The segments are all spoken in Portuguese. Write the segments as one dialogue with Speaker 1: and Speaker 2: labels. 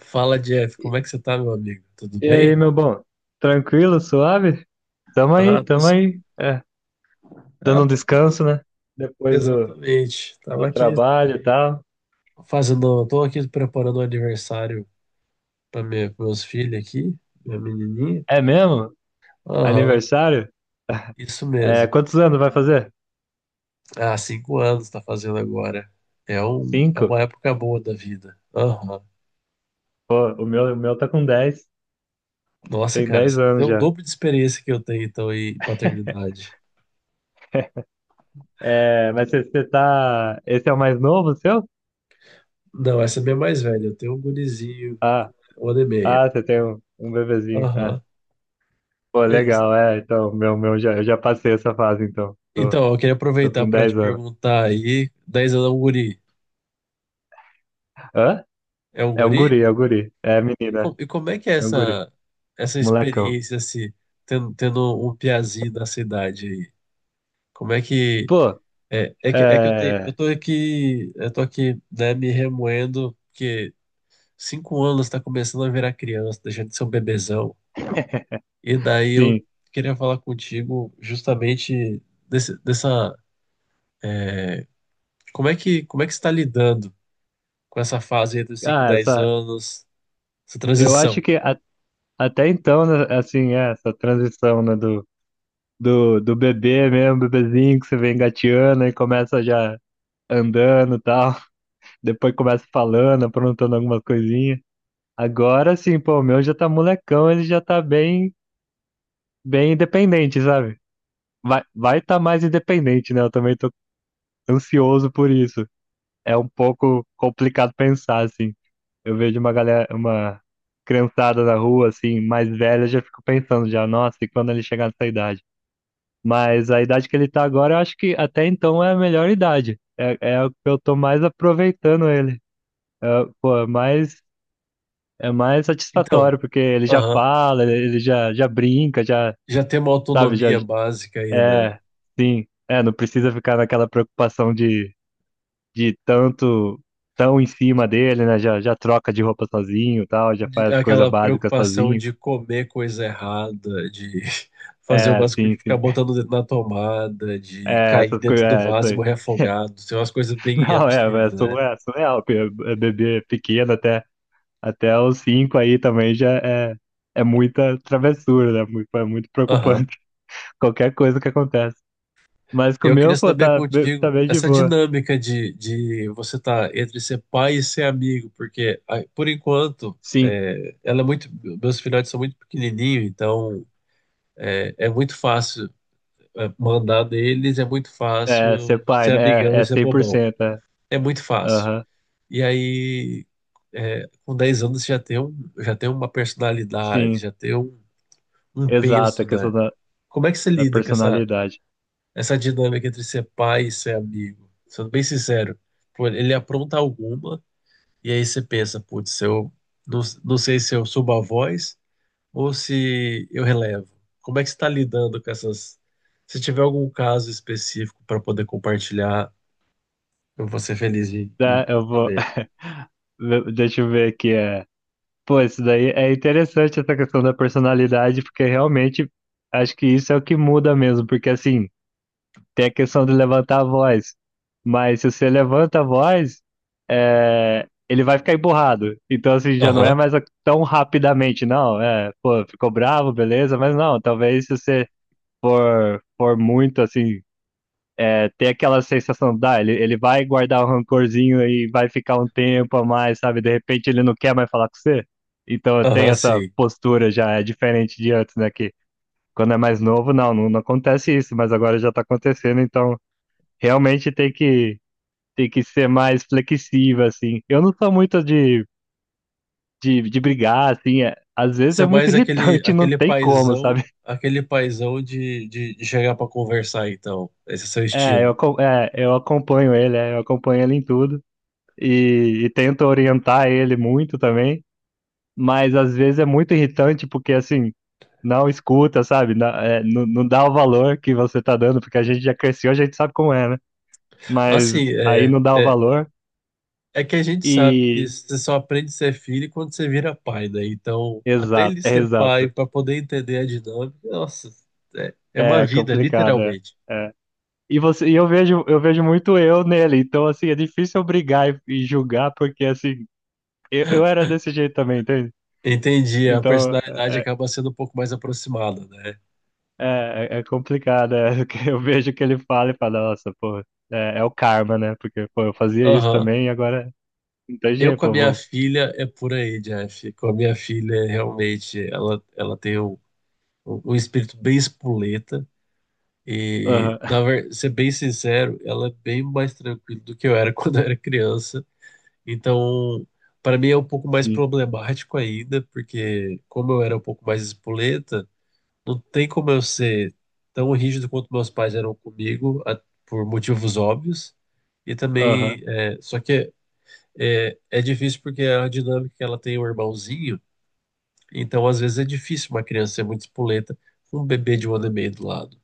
Speaker 1: Fala, Jeff, como é que você tá, meu amigo? Tudo
Speaker 2: E aí,
Speaker 1: bem?
Speaker 2: meu bom? Tranquilo, suave? Tamo aí,
Speaker 1: Ah, tô
Speaker 2: tamo
Speaker 1: só...
Speaker 2: aí.
Speaker 1: Ah,
Speaker 2: Dando
Speaker 1: eu
Speaker 2: um
Speaker 1: tava aqui.
Speaker 2: descanso, né? Depois do,
Speaker 1: Exatamente. Tava
Speaker 2: do
Speaker 1: aqui
Speaker 2: trabalho e tal.
Speaker 1: fazendo, tô aqui preparando o aniversário para meus filhos aqui, minha menininha.
Speaker 2: É mesmo?
Speaker 1: Aham,
Speaker 2: Aniversário?
Speaker 1: isso
Speaker 2: É,
Speaker 1: mesmo.
Speaker 2: quantos anos vai fazer?
Speaker 1: Ah, cinco anos tá fazendo agora. É
Speaker 2: Cinco?
Speaker 1: uma época boa da vida. Aham.
Speaker 2: Pô, o meu tá com dez.
Speaker 1: Nossa,
Speaker 2: Tem
Speaker 1: cara,
Speaker 2: dez
Speaker 1: você tem
Speaker 2: anos
Speaker 1: o
Speaker 2: já.
Speaker 1: dobro de experiência que eu tenho, então, em paternidade.
Speaker 2: É, mas você tá. Esse é o mais novo seu?
Speaker 1: Não, essa é minha é mais velha. Eu tenho um gurizinho,
Speaker 2: Ah,
Speaker 1: um ano e meio.
Speaker 2: ah, você tem um bebezinho. Ah,
Speaker 1: Aham.
Speaker 2: pô, legal, é. Então, eu já passei essa fase, então. Tô,
Speaker 1: Então, eu queria
Speaker 2: tô
Speaker 1: aproveitar
Speaker 2: com
Speaker 1: para te
Speaker 2: 10 anos.
Speaker 1: perguntar aí, 10 anos é um guri,
Speaker 2: Hã?
Speaker 1: é um
Speaker 2: É um
Speaker 1: guri?
Speaker 2: guri, é um guri. É
Speaker 1: E,
Speaker 2: menina,
Speaker 1: co- e como é que é
Speaker 2: é um guri.
Speaker 1: essa, essa
Speaker 2: Molecão.
Speaker 1: experiência, assim, tendo um piazinho da cidade aí? Como é que...
Speaker 2: Pô,
Speaker 1: É que eu, tenho,
Speaker 2: é.
Speaker 1: eu tô aqui, eu tô aqui, né, me remoendo, porque cinco anos tá começando a virar criança, deixando de ser um bebezão. E daí eu
Speaker 2: Sim.
Speaker 1: queria falar contigo justamente dessa... como é que você tá lidando com essa fase entre os 5 e
Speaker 2: Ah,
Speaker 1: 10
Speaker 2: essa.
Speaker 1: anos? Essa
Speaker 2: Eu acho
Speaker 1: transição.
Speaker 2: que a- Até então, né, assim, é, essa transição, né, do bebê mesmo, bebezinho que você vem engateando e começa já andando e tal. Depois começa falando, aprontando alguma coisinha. Agora sim, pô, o meu já tá molecão, ele já tá bem, bem independente, sabe? Vai tá mais independente, né? Eu também tô ansioso por isso. É um pouco complicado pensar, assim. Eu vejo uma galera, uma criançada na rua, assim, mais velha, já fico pensando já, nossa, e quando ele chegar nessa idade? Mas a idade que ele tá agora, eu acho que até então é a melhor idade. É, é o que eu tô mais aproveitando ele. É, pô, é mais
Speaker 1: Então,
Speaker 2: satisfatório, porque ele já
Speaker 1: aham,
Speaker 2: fala, já brinca, já,
Speaker 1: já tem uma
Speaker 2: sabe, já,
Speaker 1: autonomia básica aí, né?
Speaker 2: é, sim, é, não precisa ficar naquela preocupação de tanto tão em cima dele, né? Já, já troca de roupa sozinho, e tal, já faz coisa
Speaker 1: Aquela
Speaker 2: básica
Speaker 1: preocupação
Speaker 2: sozinho.
Speaker 1: de comer coisa errada, de fazer
Speaker 2: É,
Speaker 1: umas coisas,
Speaker 2: sim,
Speaker 1: de ficar
Speaker 2: sim.
Speaker 1: botando o dedo na tomada, de
Speaker 2: É,
Speaker 1: cair
Speaker 2: essas
Speaker 1: dentro
Speaker 2: coisas,
Speaker 1: do
Speaker 2: é, isso
Speaker 1: vaso e
Speaker 2: aí.
Speaker 1: morrer afogado. São umas coisas bem
Speaker 2: Não, é,
Speaker 1: absurdas,
Speaker 2: é,
Speaker 1: né?
Speaker 2: é surreal, porque é bebê pequeno até, até os cinco aí também já é, é muita travessura, né? Muito, é muito
Speaker 1: Aham.
Speaker 2: preocupante, qualquer coisa que acontece. Mas com o
Speaker 1: Eu
Speaker 2: meu,
Speaker 1: queria
Speaker 2: pô,
Speaker 1: saber
Speaker 2: tá, tá
Speaker 1: contigo
Speaker 2: bem de
Speaker 1: essa
Speaker 2: boa.
Speaker 1: dinâmica de você estar entre ser pai e ser amigo, porque ah, por enquanto
Speaker 2: Sim,
Speaker 1: é, ela é muito, meus filhotes são muito pequenininhos, então É, é muito fácil, é, mandar neles, é muito fácil
Speaker 2: é, ser
Speaker 1: eu
Speaker 2: pai,
Speaker 1: ser
Speaker 2: né?
Speaker 1: amigão
Speaker 2: É,
Speaker 1: e
Speaker 2: é
Speaker 1: ser bobão.
Speaker 2: 100%, é.
Speaker 1: É muito fácil.
Speaker 2: Aham,
Speaker 1: E aí, é, com 10 anos, você já tem um, já tem uma personalidade,
Speaker 2: sim,
Speaker 1: já tem um, um
Speaker 2: exato,
Speaker 1: penso, né? Como é que você
Speaker 2: da
Speaker 1: lida com essa,
Speaker 2: personalidade.
Speaker 1: essa dinâmica entre ser pai e ser amigo? Sendo bem sincero, pô, ele apronta alguma, e aí você pensa, putz, eu não sei se eu subo a voz ou se eu relevo? Como é que você está lidando com essas? Se tiver algum caso específico para poder compartilhar, eu vou ser feliz em,
Speaker 2: Tá,
Speaker 1: em
Speaker 2: eu vou.
Speaker 1: saber.
Speaker 2: Deixa eu ver aqui. Pô, isso daí é interessante essa questão da personalidade, porque realmente acho que isso é o que muda mesmo, porque assim, tem a questão de levantar a voz, mas se você levanta a voz, ele vai ficar emburrado. Então, assim, já não é
Speaker 1: Aham,
Speaker 2: mais a- tão rapidamente, não. É, pô, ficou bravo, beleza, mas não, talvez se você for muito assim é, ter aquela sensação, dá, ele vai guardar o rancorzinho e vai ficar um tempo a mais, sabe? De repente ele não quer mais falar com você. Então eu tenho
Speaker 1: aham,
Speaker 2: essa
Speaker 1: sim.
Speaker 2: postura já, é diferente de antes, né? Que quando é mais novo, não acontece isso, mas agora já tá acontecendo, então realmente tem que ser mais flexível, assim. Eu não sou muito de brigar, assim, às vezes
Speaker 1: Você
Speaker 2: é
Speaker 1: é
Speaker 2: muito
Speaker 1: mais aquele,
Speaker 2: irritante, não tem como, sabe?
Speaker 1: aquele paizão de chegar para conversar, então. Esse é seu estilo.
Speaker 2: Eu acompanho ele, é, eu acompanho ele em tudo. E tento orientar ele muito também, mas às vezes é muito irritante porque assim, não escuta, sabe? Não, é, não, não dá o valor que você tá dando, porque a gente já cresceu, a gente sabe como é, né?
Speaker 1: Assim,
Speaker 2: Mas aí
Speaker 1: é.
Speaker 2: não dá o valor
Speaker 1: É que a gente sabe que
Speaker 2: e.
Speaker 1: você só aprende a ser filho quando você vira pai, né? Então, até ele ser pai,
Speaker 2: Exato.
Speaker 1: para poder entender a dinâmica, nossa, é, é uma
Speaker 2: É
Speaker 1: vida,
Speaker 2: complicado, é.
Speaker 1: literalmente.
Speaker 2: É. E você, e eu vejo muito eu nele, então assim, é difícil eu brigar e julgar, porque assim, eu era desse jeito também, entende?
Speaker 1: Entendi, a
Speaker 2: Então,
Speaker 1: personalidade
Speaker 2: é, é
Speaker 1: acaba sendo um pouco mais aproximada, né?
Speaker 2: É, é complicado, é, que eu vejo o que ele fala e falo, nossa, pô, é, é o karma, né? Porque, pô, eu fazia isso
Speaker 1: Aham.
Speaker 2: também e agora não tem
Speaker 1: Eu
Speaker 2: jeito,
Speaker 1: com a
Speaker 2: pô,
Speaker 1: minha
Speaker 2: vou...
Speaker 1: filha é por aí, Jeff. Com a minha filha, realmente, ela tem um, um espírito bem espoleta. E,
Speaker 2: Aham,
Speaker 1: na verdade, ser bem sincero, ela é bem mais tranquila do que eu era quando eu era criança. Então, para mim é um pouco mais
Speaker 2: sim,
Speaker 1: problemático ainda, porque como eu era um pouco mais espoleta, não tem como eu ser tão rígido quanto meus pais eram comigo, por motivos óbvios. E
Speaker 2: aham,
Speaker 1: também, é, só que é, é difícil porque a dinâmica que ela tem um irmãozinho, então às vezes é difícil uma criança ser muito espoleta com um bebê de um ano e meio do lado.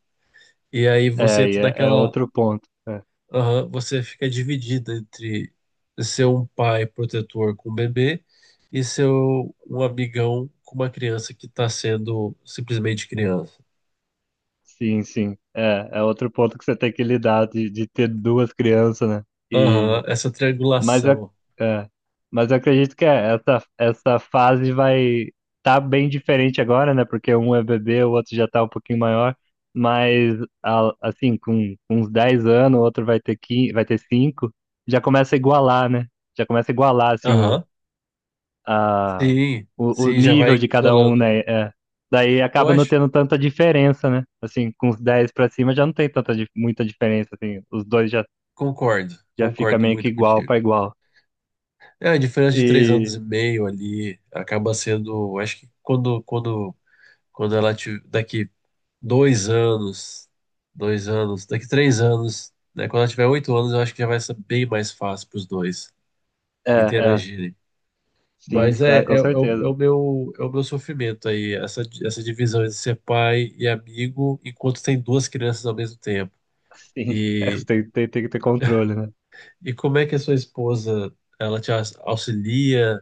Speaker 1: E aí você
Speaker 2: é,
Speaker 1: entra
Speaker 2: é
Speaker 1: naquela,
Speaker 2: outro ponto, é.
Speaker 1: aham, você fica dividida entre ser um pai protetor com um bebê e ser um amigão com uma criança que está sendo simplesmente criança.
Speaker 2: Sim, sim, é, é outro ponto que você tem que lidar de ter duas crianças, né?
Speaker 1: Aham, essa
Speaker 2: Mas eu,
Speaker 1: triangulação.
Speaker 2: é, mas eu acredito que é, essa fase vai tá bem diferente agora, né? Porque um é bebê, o outro já tá um pouquinho maior. Mas, assim, com uns 10 anos, o outro vai ter 15, vai ter 5 já começa a igualar, né? Já começa a igualar, assim,
Speaker 1: Aham,
Speaker 2: a,
Speaker 1: sim,
Speaker 2: o
Speaker 1: sim, já
Speaker 2: nível
Speaker 1: vai
Speaker 2: de cada um,
Speaker 1: golando.
Speaker 2: né? É. Daí
Speaker 1: Eu
Speaker 2: acaba não
Speaker 1: acho,
Speaker 2: tendo tanta diferença, né? Assim, com os 10 pra cima já não tem tanta, muita diferença, assim. Os dois já,
Speaker 1: concordo,
Speaker 2: já fica
Speaker 1: concordo
Speaker 2: meio que
Speaker 1: muito
Speaker 2: igual
Speaker 1: contigo.
Speaker 2: pra igual.
Speaker 1: É, a diferença de três anos
Speaker 2: E
Speaker 1: e meio ali acaba sendo, acho que quando ela te, daqui dois anos. Dois anos. Daqui três anos, né? Quando ela tiver oito anos, eu acho que já vai ser bem mais fácil para os dois
Speaker 2: é, é,
Speaker 1: interagirem.
Speaker 2: sim,
Speaker 1: Mas é,
Speaker 2: claro,
Speaker 1: é, é
Speaker 2: com
Speaker 1: o,
Speaker 2: certeza.
Speaker 1: é o meu sofrimento aí, essa divisão entre ser pai e amigo, enquanto tem duas crianças ao mesmo tempo.
Speaker 2: Sim, é,
Speaker 1: E,
Speaker 2: tem que ter controle, né?
Speaker 1: e como é que a sua esposa, ela auxilia?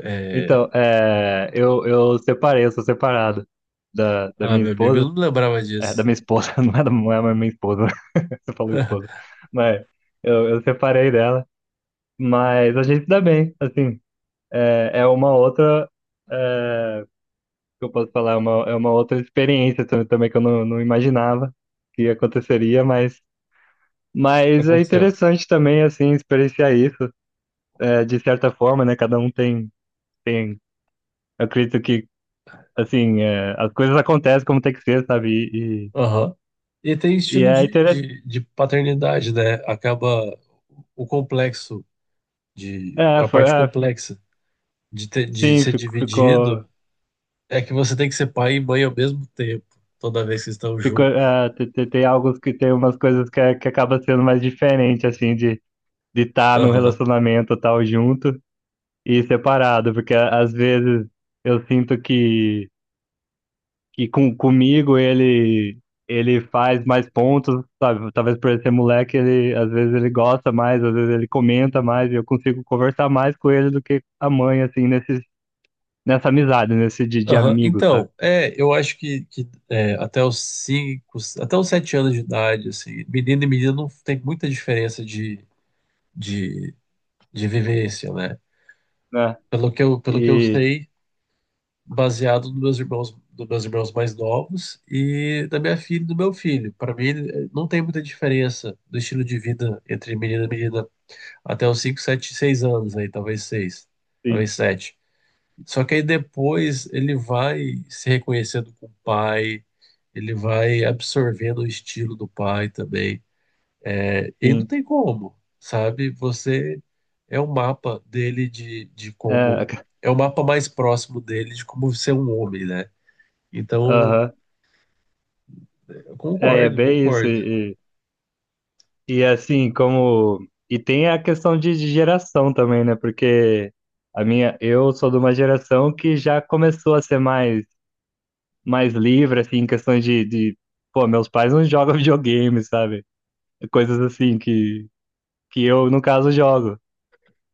Speaker 1: É,
Speaker 2: Então, é, eu separei, eu sou separado da
Speaker 1: ah,
Speaker 2: minha
Speaker 1: meu amigo, eu
Speaker 2: esposa.
Speaker 1: não lembrava
Speaker 2: É, da
Speaker 1: disso.
Speaker 2: minha esposa, não é mais minha esposa, você falou esposa. Mas eu separei dela, mas a gente se dá bem, assim. É, é uma outra, é, que eu posso falar, é uma outra experiência também que eu não, não imaginava que aconteceria, mas é
Speaker 1: Aconteceu.
Speaker 2: interessante também, assim, experienciar isso é, de certa forma, né? Cada um tem, tem, eu acredito que, assim, é, as coisas acontecem como tem que ser, sabe? E,
Speaker 1: E tem
Speaker 2: e
Speaker 1: estilo
Speaker 2: é interessante.
Speaker 1: de paternidade, né? Acaba o complexo de,
Speaker 2: É,
Speaker 1: a
Speaker 2: foi,
Speaker 1: parte
Speaker 2: é, f-
Speaker 1: complexa de ter, de
Speaker 2: sim,
Speaker 1: ser
Speaker 2: ficou,
Speaker 1: dividido é que você tem que ser pai e mãe ao mesmo tempo, toda vez que estão
Speaker 2: ficou,
Speaker 1: juntos.
Speaker 2: é, tem, alguns que tem umas coisas que, que acaba sendo mais diferente, assim, de estar num
Speaker 1: Aham.
Speaker 2: relacionamento tal junto e separado, porque às vezes eu sinto que comigo ele faz mais pontos, sabe? Talvez por ele ser moleque, ele às vezes ele gosta mais, às vezes ele comenta mais, e eu consigo conversar mais com ele do que a mãe, assim, nesse, nessa amizade, nesse de
Speaker 1: Aham.
Speaker 2: amigo, sabe?
Speaker 1: Então, é, eu acho que é, até os cinco, até os sete anos de idade, assim, menino e menina não tem muita diferença de, de vivência, né?
Speaker 2: Né?
Speaker 1: Pelo que eu
Speaker 2: E
Speaker 1: sei, baseado nos meus irmãos, dos meus irmãos mais novos e da minha filha e do meu filho. Para mim, não tem muita diferença do estilo de vida entre menina e menina até os 5, 7, 6 anos aí, talvez 6,
Speaker 2: sim,
Speaker 1: talvez 7. Só que aí depois ele vai se reconhecendo com o pai, ele vai absorvendo o estilo do pai também. E não
Speaker 2: sim.
Speaker 1: tem como, sabe? Você é o mapa dele de
Speaker 2: É,
Speaker 1: como. É o mapa mais próximo dele de como ser um homem, né? Então,
Speaker 2: aham.
Speaker 1: eu
Speaker 2: É, é
Speaker 1: concordo,
Speaker 2: bem isso.
Speaker 1: concordo.
Speaker 2: Assim, como. E tem a questão de geração também, né? Porque a minha, eu sou de uma geração que já começou a ser mais mais livre, assim, em questões pô, meus pais não jogam videogame, sabe? Coisas assim que eu, no caso, jogo.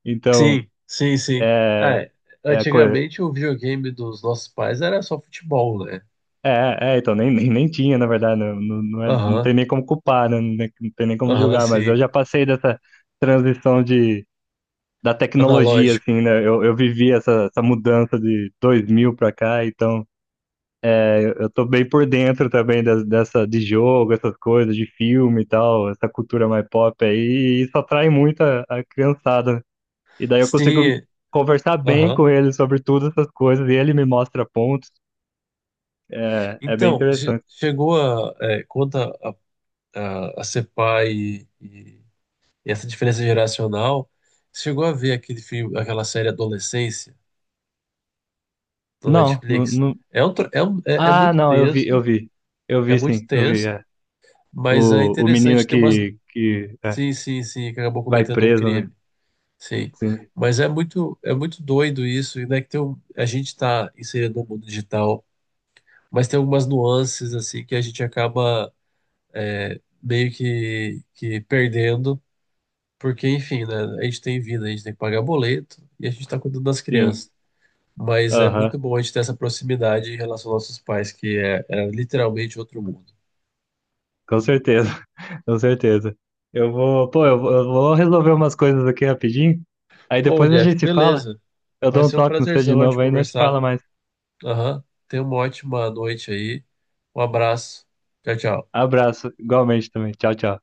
Speaker 2: Então,
Speaker 1: Sim, sim, sim. Ah,
Speaker 2: é,
Speaker 1: é,
Speaker 2: é,
Speaker 1: antigamente o videogame dos nossos pais era só futebol, né?
Speaker 2: então, nem tinha, na verdade, não
Speaker 1: Aham,
Speaker 2: tem nem como culpar, né? Não tem não tem nem como
Speaker 1: aham,
Speaker 2: julgar, mas eu
Speaker 1: sim.
Speaker 2: já passei dessa transição de, da tecnologia,
Speaker 1: Analógico.
Speaker 2: assim, né? Eu vivi essa, essa mudança de 2000 pra cá, então eu tô bem por dentro também dessa de jogo, essas coisas, de filme e tal, essa cultura mais pop aí, e isso atrai muito a criançada. Né? E daí eu consigo
Speaker 1: Sim,
Speaker 2: conversar bem
Speaker 1: aham.
Speaker 2: com ele sobre todas essas coisas, e ele me mostra pontos. É, é bem
Speaker 1: Então,
Speaker 2: interessante.
Speaker 1: chegou a, é, quanto a, a ser pai e essa diferença geracional, chegou a ver aquele filme, aquela série Adolescência, da
Speaker 2: Não, não,
Speaker 1: Netflix.
Speaker 2: não-
Speaker 1: É, um, é
Speaker 2: Ah, não, eu vi, eu vi. Eu
Speaker 1: é
Speaker 2: vi
Speaker 1: muito
Speaker 2: sim, eu vi.
Speaker 1: tenso,
Speaker 2: É.
Speaker 1: mas é
Speaker 2: O, o menino
Speaker 1: interessante ter umas,
Speaker 2: que é,
Speaker 1: sim, sim, sim, que acabou
Speaker 2: vai
Speaker 1: cometendo um
Speaker 2: preso, né?
Speaker 1: crime. Sim.
Speaker 2: Sim,
Speaker 1: Mas é muito doido isso, e né, que tem um, a gente está inserido no mundo digital, mas tem algumas nuances assim que a gente acaba meio que perdendo, porque enfim, né, a gente tem vida, a gente tem que pagar boleto e a gente está cuidando das
Speaker 2: sim.
Speaker 1: crianças. Mas é muito
Speaker 2: Aham,
Speaker 1: bom a gente ter essa proximidade em relação aos nossos pais, que é, é literalmente outro mundo.
Speaker 2: com certeza. Com certeza. Eu vou, pô, eu vou resolver umas coisas aqui rapidinho. Aí
Speaker 1: Pô,
Speaker 2: depois a
Speaker 1: Jeff,
Speaker 2: gente se fala.
Speaker 1: beleza.
Speaker 2: Eu
Speaker 1: Vai
Speaker 2: dou um
Speaker 1: ser um
Speaker 2: toque no seu de
Speaker 1: prazerzão a gente
Speaker 2: novo aí, nós se
Speaker 1: conversar.
Speaker 2: fala mais.
Speaker 1: Aham. Tenha uma ótima noite aí. Um abraço. Tchau, tchau.
Speaker 2: Abraço, igualmente também. Tchau, tchau.